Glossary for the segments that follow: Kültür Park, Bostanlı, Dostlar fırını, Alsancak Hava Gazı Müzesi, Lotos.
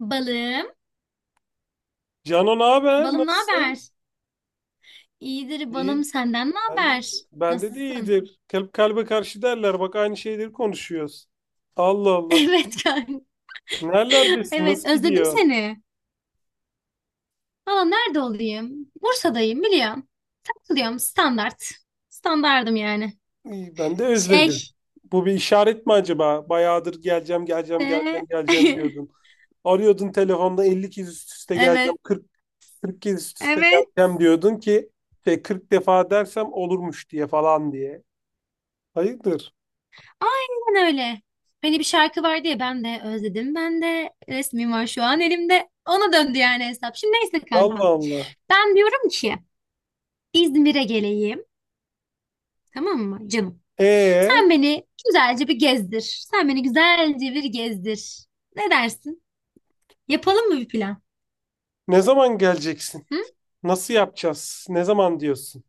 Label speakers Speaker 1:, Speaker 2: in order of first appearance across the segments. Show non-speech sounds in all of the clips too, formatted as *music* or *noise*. Speaker 1: Balım,
Speaker 2: Cano ne haber?
Speaker 1: balım ne
Speaker 2: Nasılsın?
Speaker 1: haber? İyidir balım
Speaker 2: İyi.
Speaker 1: senden ne
Speaker 2: Ben de,
Speaker 1: haber?
Speaker 2: ben de
Speaker 1: Nasılsın?
Speaker 2: iyidir. Kalp kalbe karşı derler. Bak aynı şeyleri konuşuyoruz. Allah
Speaker 1: *laughs*
Speaker 2: Allah.
Speaker 1: Evet kanka.
Speaker 2: Nerelerdesin?
Speaker 1: Evet
Speaker 2: Nasıl
Speaker 1: özledim
Speaker 2: gidiyor?
Speaker 1: seni. Valla nerede olayım? Bursa'dayım biliyorum. Takılıyorum standart. Standardım yani.
Speaker 2: İyi, ben de
Speaker 1: Şey
Speaker 2: özledim. Bu bir işaret mi acaba? Bayağıdır geleceğim, geleceğim,
Speaker 1: de...
Speaker 2: geleceğim, geleceğim
Speaker 1: *laughs*
Speaker 2: diyordun. Arıyordun telefonda 50 kez üst üste
Speaker 1: Evet.
Speaker 2: geleceğim, 40, 40 kez üst üste
Speaker 1: Evet.
Speaker 2: geleceğim diyordun ki 40 defa dersem olurmuş diye falan diye. Hayırdır?
Speaker 1: Aynen öyle. Hani bir şarkı var diye ben de özledim. Ben de resmim var şu an elimde. Ona döndü yani hesap. Şimdi neyse
Speaker 2: Allah
Speaker 1: kankam.
Speaker 2: Allah.
Speaker 1: Ben diyorum ki İzmir'e geleyim. Tamam mı canım?
Speaker 2: E
Speaker 1: Sen beni güzelce bir gezdir. Sen beni güzelce bir gezdir. Ne dersin? Yapalım mı bir plan?
Speaker 2: Ne zaman geleceksin?
Speaker 1: Hı?
Speaker 2: Nasıl yapacağız? Ne zaman diyorsun?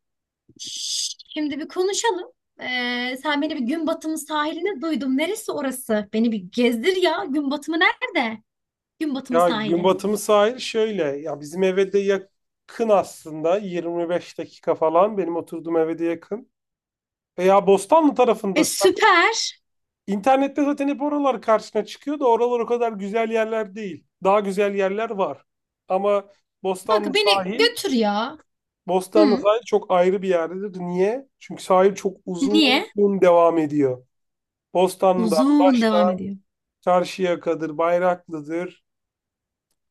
Speaker 1: Şimdi bir konuşalım. Sen beni bir gün batımı sahiline duydum. Neresi orası? Beni bir gezdir ya. Gün batımı nerede? Gün batımı
Speaker 2: Ya gün
Speaker 1: sahili.
Speaker 2: batımı sahil şöyle. Ya bizim eve de yakın aslında. 25 dakika falan. Benim oturduğum eve de yakın. Veya Bostanlı
Speaker 1: E
Speaker 2: tarafındasın.
Speaker 1: süper.
Speaker 2: İnternette zaten hep oralar karşına çıkıyor da oralar o kadar güzel yerler değil. Daha güzel yerler var. Ama
Speaker 1: Kanka
Speaker 2: Bostanlı
Speaker 1: beni
Speaker 2: sahil,
Speaker 1: götür ya.
Speaker 2: Bostanlı
Speaker 1: Hı?
Speaker 2: sahil çok ayrı bir yerdedir. Niye? Çünkü sahil çok uzun
Speaker 1: Niye?
Speaker 2: devam ediyor. Bostanlı'dan
Speaker 1: Uzun devam
Speaker 2: başla,
Speaker 1: ediyor.
Speaker 2: Çarşıyaka'dır, Bayraklı'dır.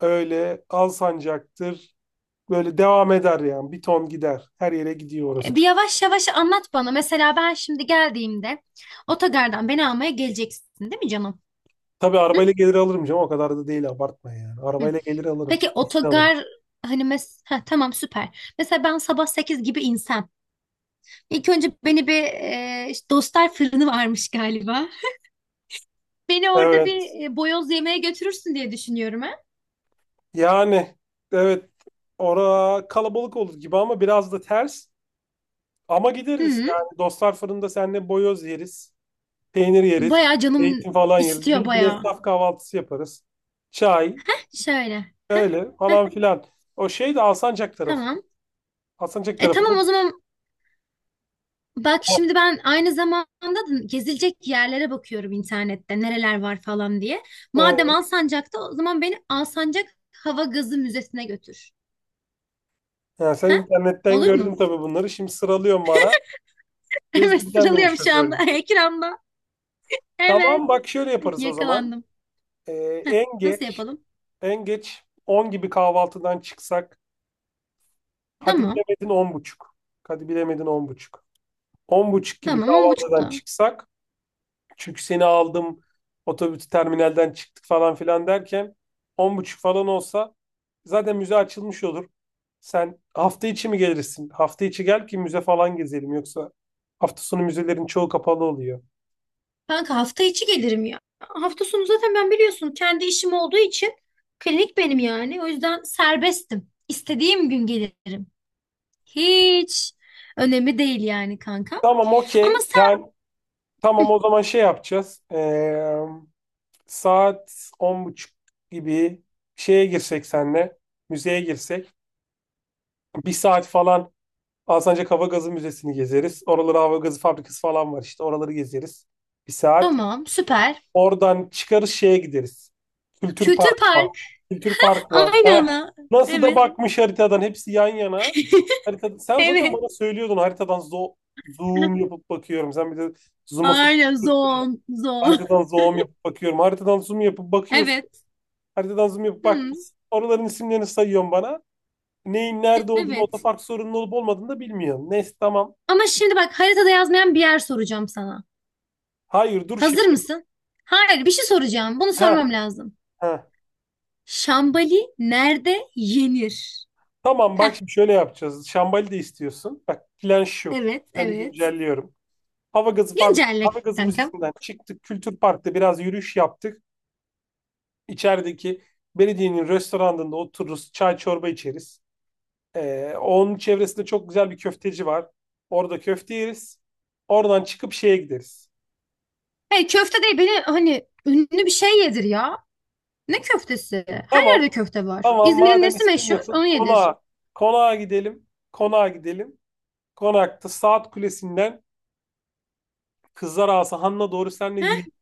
Speaker 2: Öyle Alsancak'tır. Böyle devam eder yani. Bir ton gider. Her yere gidiyor orası.
Speaker 1: E, bir yavaş yavaş anlat bana. Mesela ben şimdi geldiğimde otogardan beni almaya geleceksin, değil mi canım?
Speaker 2: Tabii
Speaker 1: Hı?
Speaker 2: arabayla gelir alırım canım. O kadar da değil, abartma yani.
Speaker 1: Hı.
Speaker 2: Arabayla gelir alırım.
Speaker 1: Peki
Speaker 2: Kesin alırım.
Speaker 1: otogar hani mes ha, tamam süper. Mesela ben sabah 8 gibi insem. İlk önce beni bir işte Dostlar fırını varmış galiba. Beni orada
Speaker 2: Evet.
Speaker 1: bir boyoz yemeğe götürürsün diye düşünüyorum ha.
Speaker 2: Yani evet. Ora kalabalık olur gibi ama biraz da ters. Ama gideriz.
Speaker 1: Hı.
Speaker 2: Yani dostlar fırında seninle boyoz yeriz. Peynir yeriz.
Speaker 1: Bayağı canım
Speaker 2: Zeytin falan yeriz.
Speaker 1: istiyor
Speaker 2: Bildiğin
Speaker 1: bayağı.
Speaker 2: esnaf kahvaltısı yaparız. Çay.
Speaker 1: Şöyle. Heh,
Speaker 2: Öyle
Speaker 1: heh,
Speaker 2: falan filan. O şey de Alsancak tarafı.
Speaker 1: tamam.
Speaker 2: Alsancak
Speaker 1: E
Speaker 2: tarafında.
Speaker 1: tamam o zaman bak şimdi ben aynı zamanda da gezilecek yerlere bakıyorum internette nereler var falan diye. Madem
Speaker 2: e,
Speaker 1: Alsancak'ta o zaman beni Alsancak Hava Gazı Müzesi'ne götür.
Speaker 2: Ya sen
Speaker 1: Ha?
Speaker 2: internetten
Speaker 1: Olur
Speaker 2: gördün
Speaker 1: mu?
Speaker 2: tabii bunları. Şimdi sıralıyorsun bana.
Speaker 1: *laughs* Evet
Speaker 2: Gezdireceksin beni,
Speaker 1: sıralıyorum şu anda
Speaker 2: şoförlük.
Speaker 1: *laughs* ekranda. Evet
Speaker 2: Tamam bak, şöyle yaparız o zaman.
Speaker 1: yakalandım.
Speaker 2: Ee,
Speaker 1: Heh,
Speaker 2: en
Speaker 1: nasıl
Speaker 2: geç
Speaker 1: yapalım?
Speaker 2: en geç 10 gibi kahvaltıdan çıksak. Hadi
Speaker 1: Tamam
Speaker 2: bilemedin 10 buçuk. Hadi bilemedin 10 buçuk. 10 buçuk gibi
Speaker 1: tamam on
Speaker 2: kahvaltıdan
Speaker 1: buçukta.
Speaker 2: çıksak. Çünkü seni aldım, otobüs terminalden çıktık falan filan derken 10 buçuk falan olsa zaten müze açılmış olur. Sen hafta içi mi gelirsin? Hafta içi gel ki müze falan gezelim, yoksa hafta sonu müzelerin çoğu kapalı oluyor.
Speaker 1: Kanka hafta içi gelirim ya. Hafta sonu zaten ben biliyorsun kendi işim olduğu için klinik benim yani. O yüzden serbestim. İstediğim gün gelirim. Hiç önemi değil yani kanka.
Speaker 2: Tamam,
Speaker 1: Ama
Speaker 2: okey.
Speaker 1: sen
Speaker 2: Yani
Speaker 1: hı,
Speaker 2: tamam, o zaman şey yapacağız. Saat 10 buçuk gibi şeye girsek senle müzeye girsek, bir saat falan Alsancak Hava Gazı Müzesi'ni gezeriz. Oralara hava gazı fabrikası falan var işte. Oraları gezeriz. Bir saat.
Speaker 1: tamam süper.
Speaker 2: Oradan çıkarız, şeye gideriz. Kültür
Speaker 1: Kültür
Speaker 2: Park var.
Speaker 1: Park.
Speaker 2: Kültür Park var.
Speaker 1: Aynen
Speaker 2: Heh.
Speaker 1: ana.
Speaker 2: Nasıl da
Speaker 1: Evet.
Speaker 2: bakmış haritadan. Hepsi yan yana.
Speaker 1: *laughs*
Speaker 2: Harita, sen zaten
Speaker 1: Evet.
Speaker 2: bana söylüyordun, haritadan zoom yapıp bakıyorum. Sen bir de zoom'u fa-
Speaker 1: Aynen zon zon.
Speaker 2: haritadan zoom yapıp bakıyorum. Haritadan zoom yapıp bakıyorsun.
Speaker 1: Evet.
Speaker 2: Haritadan zoom yapıp
Speaker 1: Hmm,
Speaker 2: bakmışsın. Oraların isimlerini sayıyorsun bana. Neyin nerede olduğunu,
Speaker 1: evet.
Speaker 2: otopark sorunun olup olmadığını da bilmiyorsun. Neyse, tamam.
Speaker 1: Ama şimdi bak haritada yazmayan bir yer soracağım sana.
Speaker 2: Hayır dur şimdi.
Speaker 1: Hazır mısın? Hayır bir şey soracağım. Bunu
Speaker 2: Heh,
Speaker 1: sormam lazım.
Speaker 2: heh.
Speaker 1: Şambali nerede yenir?
Speaker 2: Tamam
Speaker 1: Heh,
Speaker 2: bak şimdi, şöyle yapacağız. Şambali de istiyorsun. Bak, plan şu.
Speaker 1: evet
Speaker 2: Planı
Speaker 1: evet.
Speaker 2: güncelliyorum.
Speaker 1: Güncelle
Speaker 2: Hava gazı
Speaker 1: kankam.
Speaker 2: müzesinden çıktık. Kültür Park'ta biraz yürüyüş yaptık. İçerideki belediyenin restoranında otururuz. Çay çorba içeriz. Onun çevresinde çok güzel bir köfteci var. Orada köfte yeriz. Oradan çıkıp şeye gideriz.
Speaker 1: Hey köfte değil beni hani ünlü bir şey yedir ya. Ne köftesi? Her yerde
Speaker 2: Tamam.
Speaker 1: köfte var.
Speaker 2: Tamam,
Speaker 1: İzmir'in
Speaker 2: madem
Speaker 1: nesi meşhur?
Speaker 2: istemiyorsun
Speaker 1: Onu yedir.
Speaker 2: konağa. Konağa gidelim. Konağa gidelim. Konakta saat kulesinden Kızlar Asahan'la doğru senle yürüyeyim,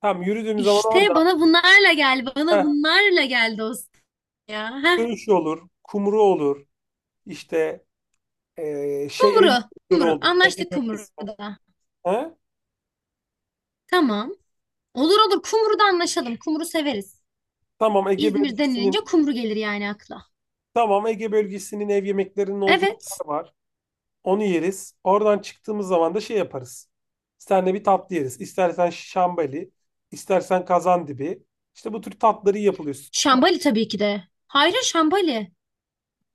Speaker 2: tam yürüdüğüm zaman
Speaker 1: İşte
Speaker 2: orada
Speaker 1: bana bunlarla gel, bana
Speaker 2: heh,
Speaker 1: bunlarla gel dostum ya. Heh,
Speaker 2: dövüş olur, kumru olur, işte ev
Speaker 1: kumru,
Speaker 2: yemekleri
Speaker 1: kumru.
Speaker 2: olur, Ege
Speaker 1: Anlaştık
Speaker 2: bölgesi.
Speaker 1: kumruda.
Speaker 2: He?
Speaker 1: Tamam. Olur olur kumru da anlaşalım. Kumru severiz.
Speaker 2: Tamam Ege
Speaker 1: İzmir denilince
Speaker 2: bölgesinin
Speaker 1: kumru gelir yani akla.
Speaker 2: tamam, Ege bölgesinin ev yemeklerinin olduğu bir
Speaker 1: Evet.
Speaker 2: yer var. Onu yeriz. Oradan çıktığımız zaman da şey yaparız. Senle bir tatlı yeriz. İstersen şambali, istersen kazandibi. İşte bu tür tatları iyi yapılıyor.
Speaker 1: Şambali tabii ki de. Hayır Şambali.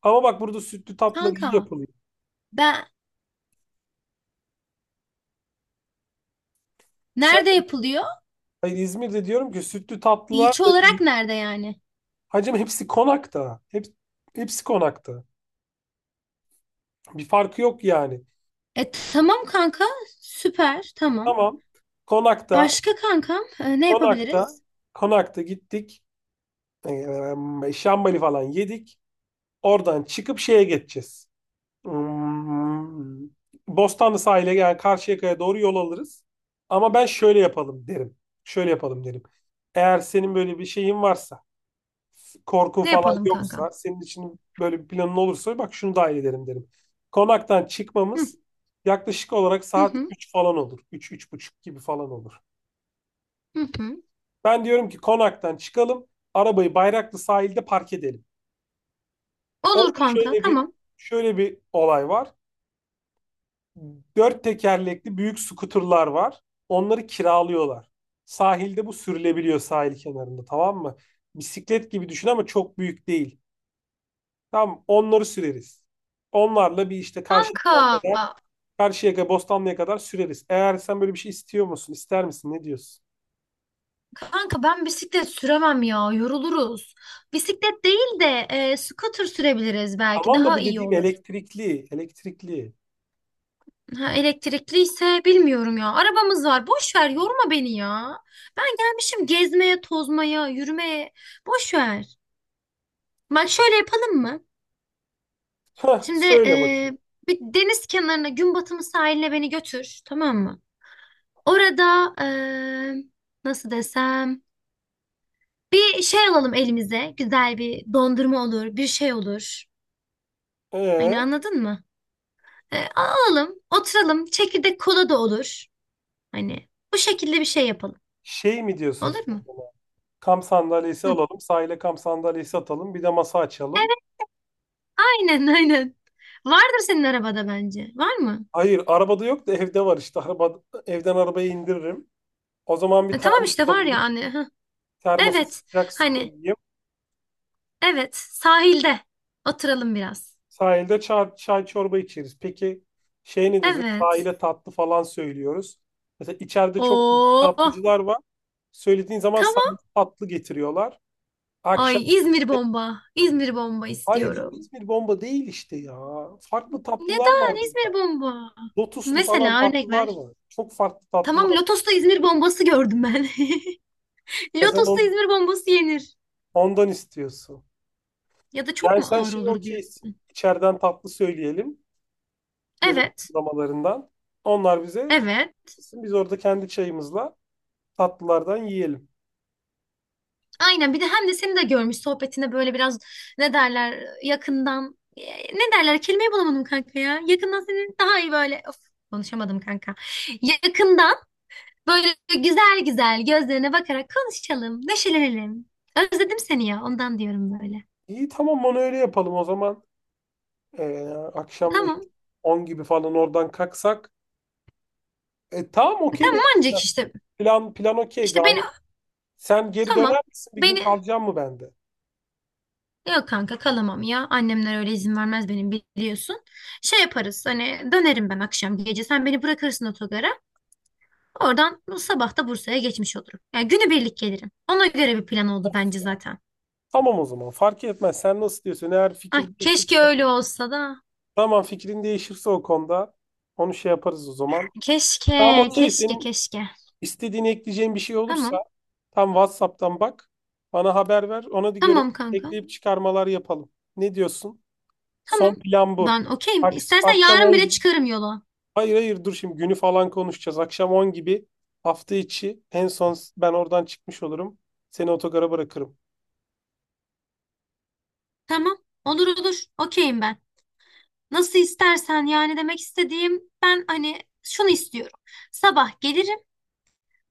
Speaker 2: Ama bak, burada sütlü tatlılar iyi
Speaker 1: Kanka
Speaker 2: yapılıyor.
Speaker 1: ben
Speaker 2: Sen,
Speaker 1: nerede yapılıyor?
Speaker 2: hayır, İzmir'de diyorum ki, sütlü tatlılar
Speaker 1: İlçe
Speaker 2: da
Speaker 1: olarak
Speaker 2: iyi.
Speaker 1: nerede yani?
Speaker 2: Hacım hepsi konakta. Hepsi konakta. Bir farkı yok yani.
Speaker 1: E tamam kanka. Süper. Tamam.
Speaker 2: Tamam. Konakta,
Speaker 1: Başka kankam ne
Speaker 2: konakta,
Speaker 1: yapabiliriz?
Speaker 2: Konakta gittik. Şambali falan yedik. Oradan çıkıp şeye geçeceğiz. Hmm, Bostanlı sahile, yani Karşıyaka'ya doğru yol alırız. Ama ben şöyle yapalım derim. Şöyle yapalım derim. Eğer senin böyle bir şeyin varsa, korku
Speaker 1: Ne
Speaker 2: falan
Speaker 1: yapalım
Speaker 2: yoksa,
Speaker 1: kankam?
Speaker 2: senin için böyle bir planın olursa bak şunu dahil ederim derim. Konaktan
Speaker 1: Hı
Speaker 2: çıkmamız yaklaşık olarak
Speaker 1: hı
Speaker 2: saat
Speaker 1: hı.
Speaker 2: 3 falan olur. Üç, üç buçuk gibi falan olur.
Speaker 1: Hı hı.
Speaker 2: Ben diyorum ki konaktan çıkalım, arabayı Bayraklı sahilde park edelim.
Speaker 1: Olur
Speaker 2: Orada
Speaker 1: kanka. Tamam.
Speaker 2: şöyle bir olay var. Dört tekerlekli büyük skuterlar var. Onları kiralıyorlar. Sahilde bu sürülebiliyor, sahil kenarında, tamam mı? Bisiklet gibi düşün ama çok büyük değil. Tamam, onları süreriz. Onlarla bir işte
Speaker 1: Kanka,
Speaker 2: Karşıyaka'ya kadar, Karşıyaka, Bostanlı'ya kadar süreriz. Eğer sen böyle bir şey istiyor musun, ister misin, ne diyorsun?
Speaker 1: kanka, ben bisiklet süremem ya, yoruluruz. Bisiklet değil de scooter sürebiliriz belki,
Speaker 2: Tamam da
Speaker 1: daha
Speaker 2: bu
Speaker 1: iyi
Speaker 2: dediğim
Speaker 1: olur.
Speaker 2: elektrikli, elektrikli.
Speaker 1: Ha, elektrikli ise bilmiyorum ya. Arabamız var, boş ver, yorma beni ya. Ben gelmişim gezmeye, tozmaya, yürümeye, boş ver. Bak şöyle yapalım mı?
Speaker 2: Hah,
Speaker 1: Şimdi
Speaker 2: söyle bakayım.
Speaker 1: bir deniz kenarına, gün batımı sahiline beni götür, tamam mı? Orada nasıl desem? Bir şey alalım elimize. Güzel bir dondurma olur, bir şey olur. Hani
Speaker 2: Ee,
Speaker 1: anladın mı? E, alalım, oturalım. Çekirdek kola da olur. Hani bu şekilde bir şey yapalım.
Speaker 2: şey mi diyorsun sen?
Speaker 1: Olur mu?
Speaker 2: Kamp sandalyesi
Speaker 1: Hı.
Speaker 2: alalım, sahile kamp sandalyesi atalım, bir de masa açalım.
Speaker 1: Evet, aynen aynen. Vardır senin arabada bence. Var mı?
Speaker 2: Hayır, arabada yok da evde var işte. Evden arabaya indiririm. O zaman bir
Speaker 1: E, tamam
Speaker 2: termos
Speaker 1: işte var ya
Speaker 2: alayım.
Speaker 1: hani. Hı.
Speaker 2: Termosa
Speaker 1: Evet.
Speaker 2: sıcak su
Speaker 1: Hani
Speaker 2: koyayım.
Speaker 1: evet sahilde oturalım biraz.
Speaker 2: Sahilde çay çorba içeriz. Peki, ne diyorsun?
Speaker 1: Evet.
Speaker 2: Sahile tatlı falan söylüyoruz. Mesela içeride çok güzel
Speaker 1: Oo.
Speaker 2: tatlıcılar var. Söylediğin zaman sahilde
Speaker 1: Tamam.
Speaker 2: tatlı getiriyorlar. Akşam
Speaker 1: Ay İzmir bomba. İzmir bomba
Speaker 2: hayır canım,
Speaker 1: istiyorum.
Speaker 2: İzmir bomba değil işte ya. Farklı tatlılar var
Speaker 1: Neden İzmir
Speaker 2: burada.
Speaker 1: bomba?
Speaker 2: Lotuslu falan
Speaker 1: Mesela örnek
Speaker 2: tatlılar
Speaker 1: ver.
Speaker 2: var. Çok farklı tatlılar
Speaker 1: Tamam
Speaker 2: var.
Speaker 1: Lotos'ta İzmir bombası gördüm ben. *laughs*
Speaker 2: Ya sen
Speaker 1: Lotos'ta İzmir bombası yenir.
Speaker 2: ondan istiyorsun.
Speaker 1: Ya da çok
Speaker 2: Yani
Speaker 1: mu
Speaker 2: sen
Speaker 1: ağır olur
Speaker 2: okeysin.
Speaker 1: diyorsun.
Speaker 2: İçeriden tatlı söyleyelim. Yemek
Speaker 1: Evet.
Speaker 2: uygulamalarından. Onlar bize
Speaker 1: Evet.
Speaker 2: katılsın. Biz orada kendi çayımızla tatlılardan yiyelim.
Speaker 1: Aynen bir de hem de seni de görmüş sohbetine böyle biraz ne derler yakından ne derler kelimeyi bulamadım kanka ya. Yakından seni daha iyi böyle of, konuşamadım kanka. Yakından böyle güzel güzel gözlerine bakarak konuşalım, neşelenelim. Özledim seni ya ondan diyorum böyle.
Speaker 2: İyi, tamam, onu öyle yapalım o zaman. Ee, akşam da işte
Speaker 1: Tamam.
Speaker 2: 10 gibi falan oradan kalksak. Tamam, okey benim
Speaker 1: Tamam
Speaker 2: için.
Speaker 1: ancak işte
Speaker 2: Plan okey
Speaker 1: işte beni
Speaker 2: gayet. Sen geri döner
Speaker 1: tamam,
Speaker 2: misin? Bir gün
Speaker 1: beni
Speaker 2: kalacağım mı bende?
Speaker 1: yok kanka kalamam ya annemler öyle izin vermez benim biliyorsun, şey yaparız hani dönerim ben akşam gece sen beni bırakırsın otogara, oradan sabah da Bursa'ya geçmiş olurum yani günübirlik gelirim ona göre bir plan oldu bence zaten.
Speaker 2: Tamam o zaman, fark etmez. Sen nasıl diyorsun? Eğer
Speaker 1: Ah,
Speaker 2: fikir değişir.
Speaker 1: keşke öyle olsa da,
Speaker 2: Tamam, fikrin değişirse o konuda onu şey yaparız o zaman. Tamam,
Speaker 1: keşke
Speaker 2: okey,
Speaker 1: keşke
Speaker 2: senin
Speaker 1: keşke.
Speaker 2: istediğini ekleyeceğin bir şey olursa
Speaker 1: tamam
Speaker 2: tam WhatsApp'tan bak. Bana haber ver. Ona da göre
Speaker 1: tamam kanka,
Speaker 2: ekleyip çıkarmalar yapalım. Ne diyorsun?
Speaker 1: tamam
Speaker 2: Son plan bu.
Speaker 1: ben okeyim istersen
Speaker 2: Akşam
Speaker 1: yarın bile
Speaker 2: 10.
Speaker 1: çıkarım yola.
Speaker 2: Hayır, hayır, dur şimdi, günü falan konuşacağız. Akşam 10 gibi hafta içi en son ben oradan çıkmış olurum. Seni otogara bırakırım.
Speaker 1: Tamam, olur olur, okeyim ben. Nasıl istersen yani demek istediğim ben hani şunu istiyorum. Sabah gelirim.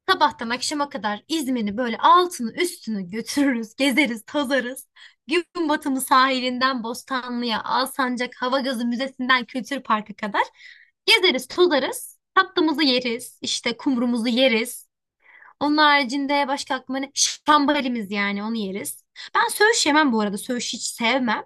Speaker 1: Sabahtan akşama kadar İzmir'i böyle altını üstünü götürürüz, gezeriz, tozarız. Gün batımı sahilinden Bostanlı'ya, Alsancak Hava Gazı Müzesi'nden Kültür Park'a kadar gezeriz, tozarız. Tatlımızı yeriz, işte kumrumuzu yeriz. Onun haricinde başka aklıma ne? Şambalimiz yani onu yeriz. Ben söğüş yemem bu arada. Söğüş hiç sevmem.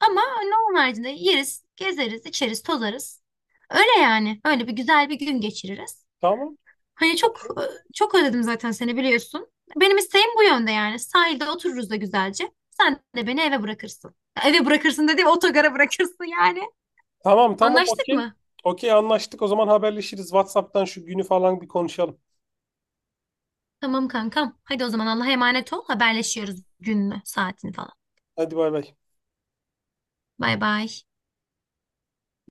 Speaker 1: Ama ne onun haricinde yeriz, gezeriz, içeriz, tozarız. Öyle yani. Öyle bir güzel bir gün geçiririz.
Speaker 2: Tamam.
Speaker 1: Hani çok çok özledim zaten seni biliyorsun. Benim isteğim bu yönde yani. Sahilde otururuz da güzelce. Sen de beni eve bırakırsın. Eve bırakırsın dediğim otogara bırakırsın yani.
Speaker 2: Tamam, tamam,
Speaker 1: Anlaştık
Speaker 2: okey.
Speaker 1: mı?
Speaker 2: Okey, anlaştık. O zaman haberleşiriz. WhatsApp'tan şu günü falan bir konuşalım.
Speaker 1: Tamam kankam. Hadi o zaman Allah'a emanet ol. Haberleşiyoruz gününü, saatini falan.
Speaker 2: Hadi, bay bay.
Speaker 1: Bay bay.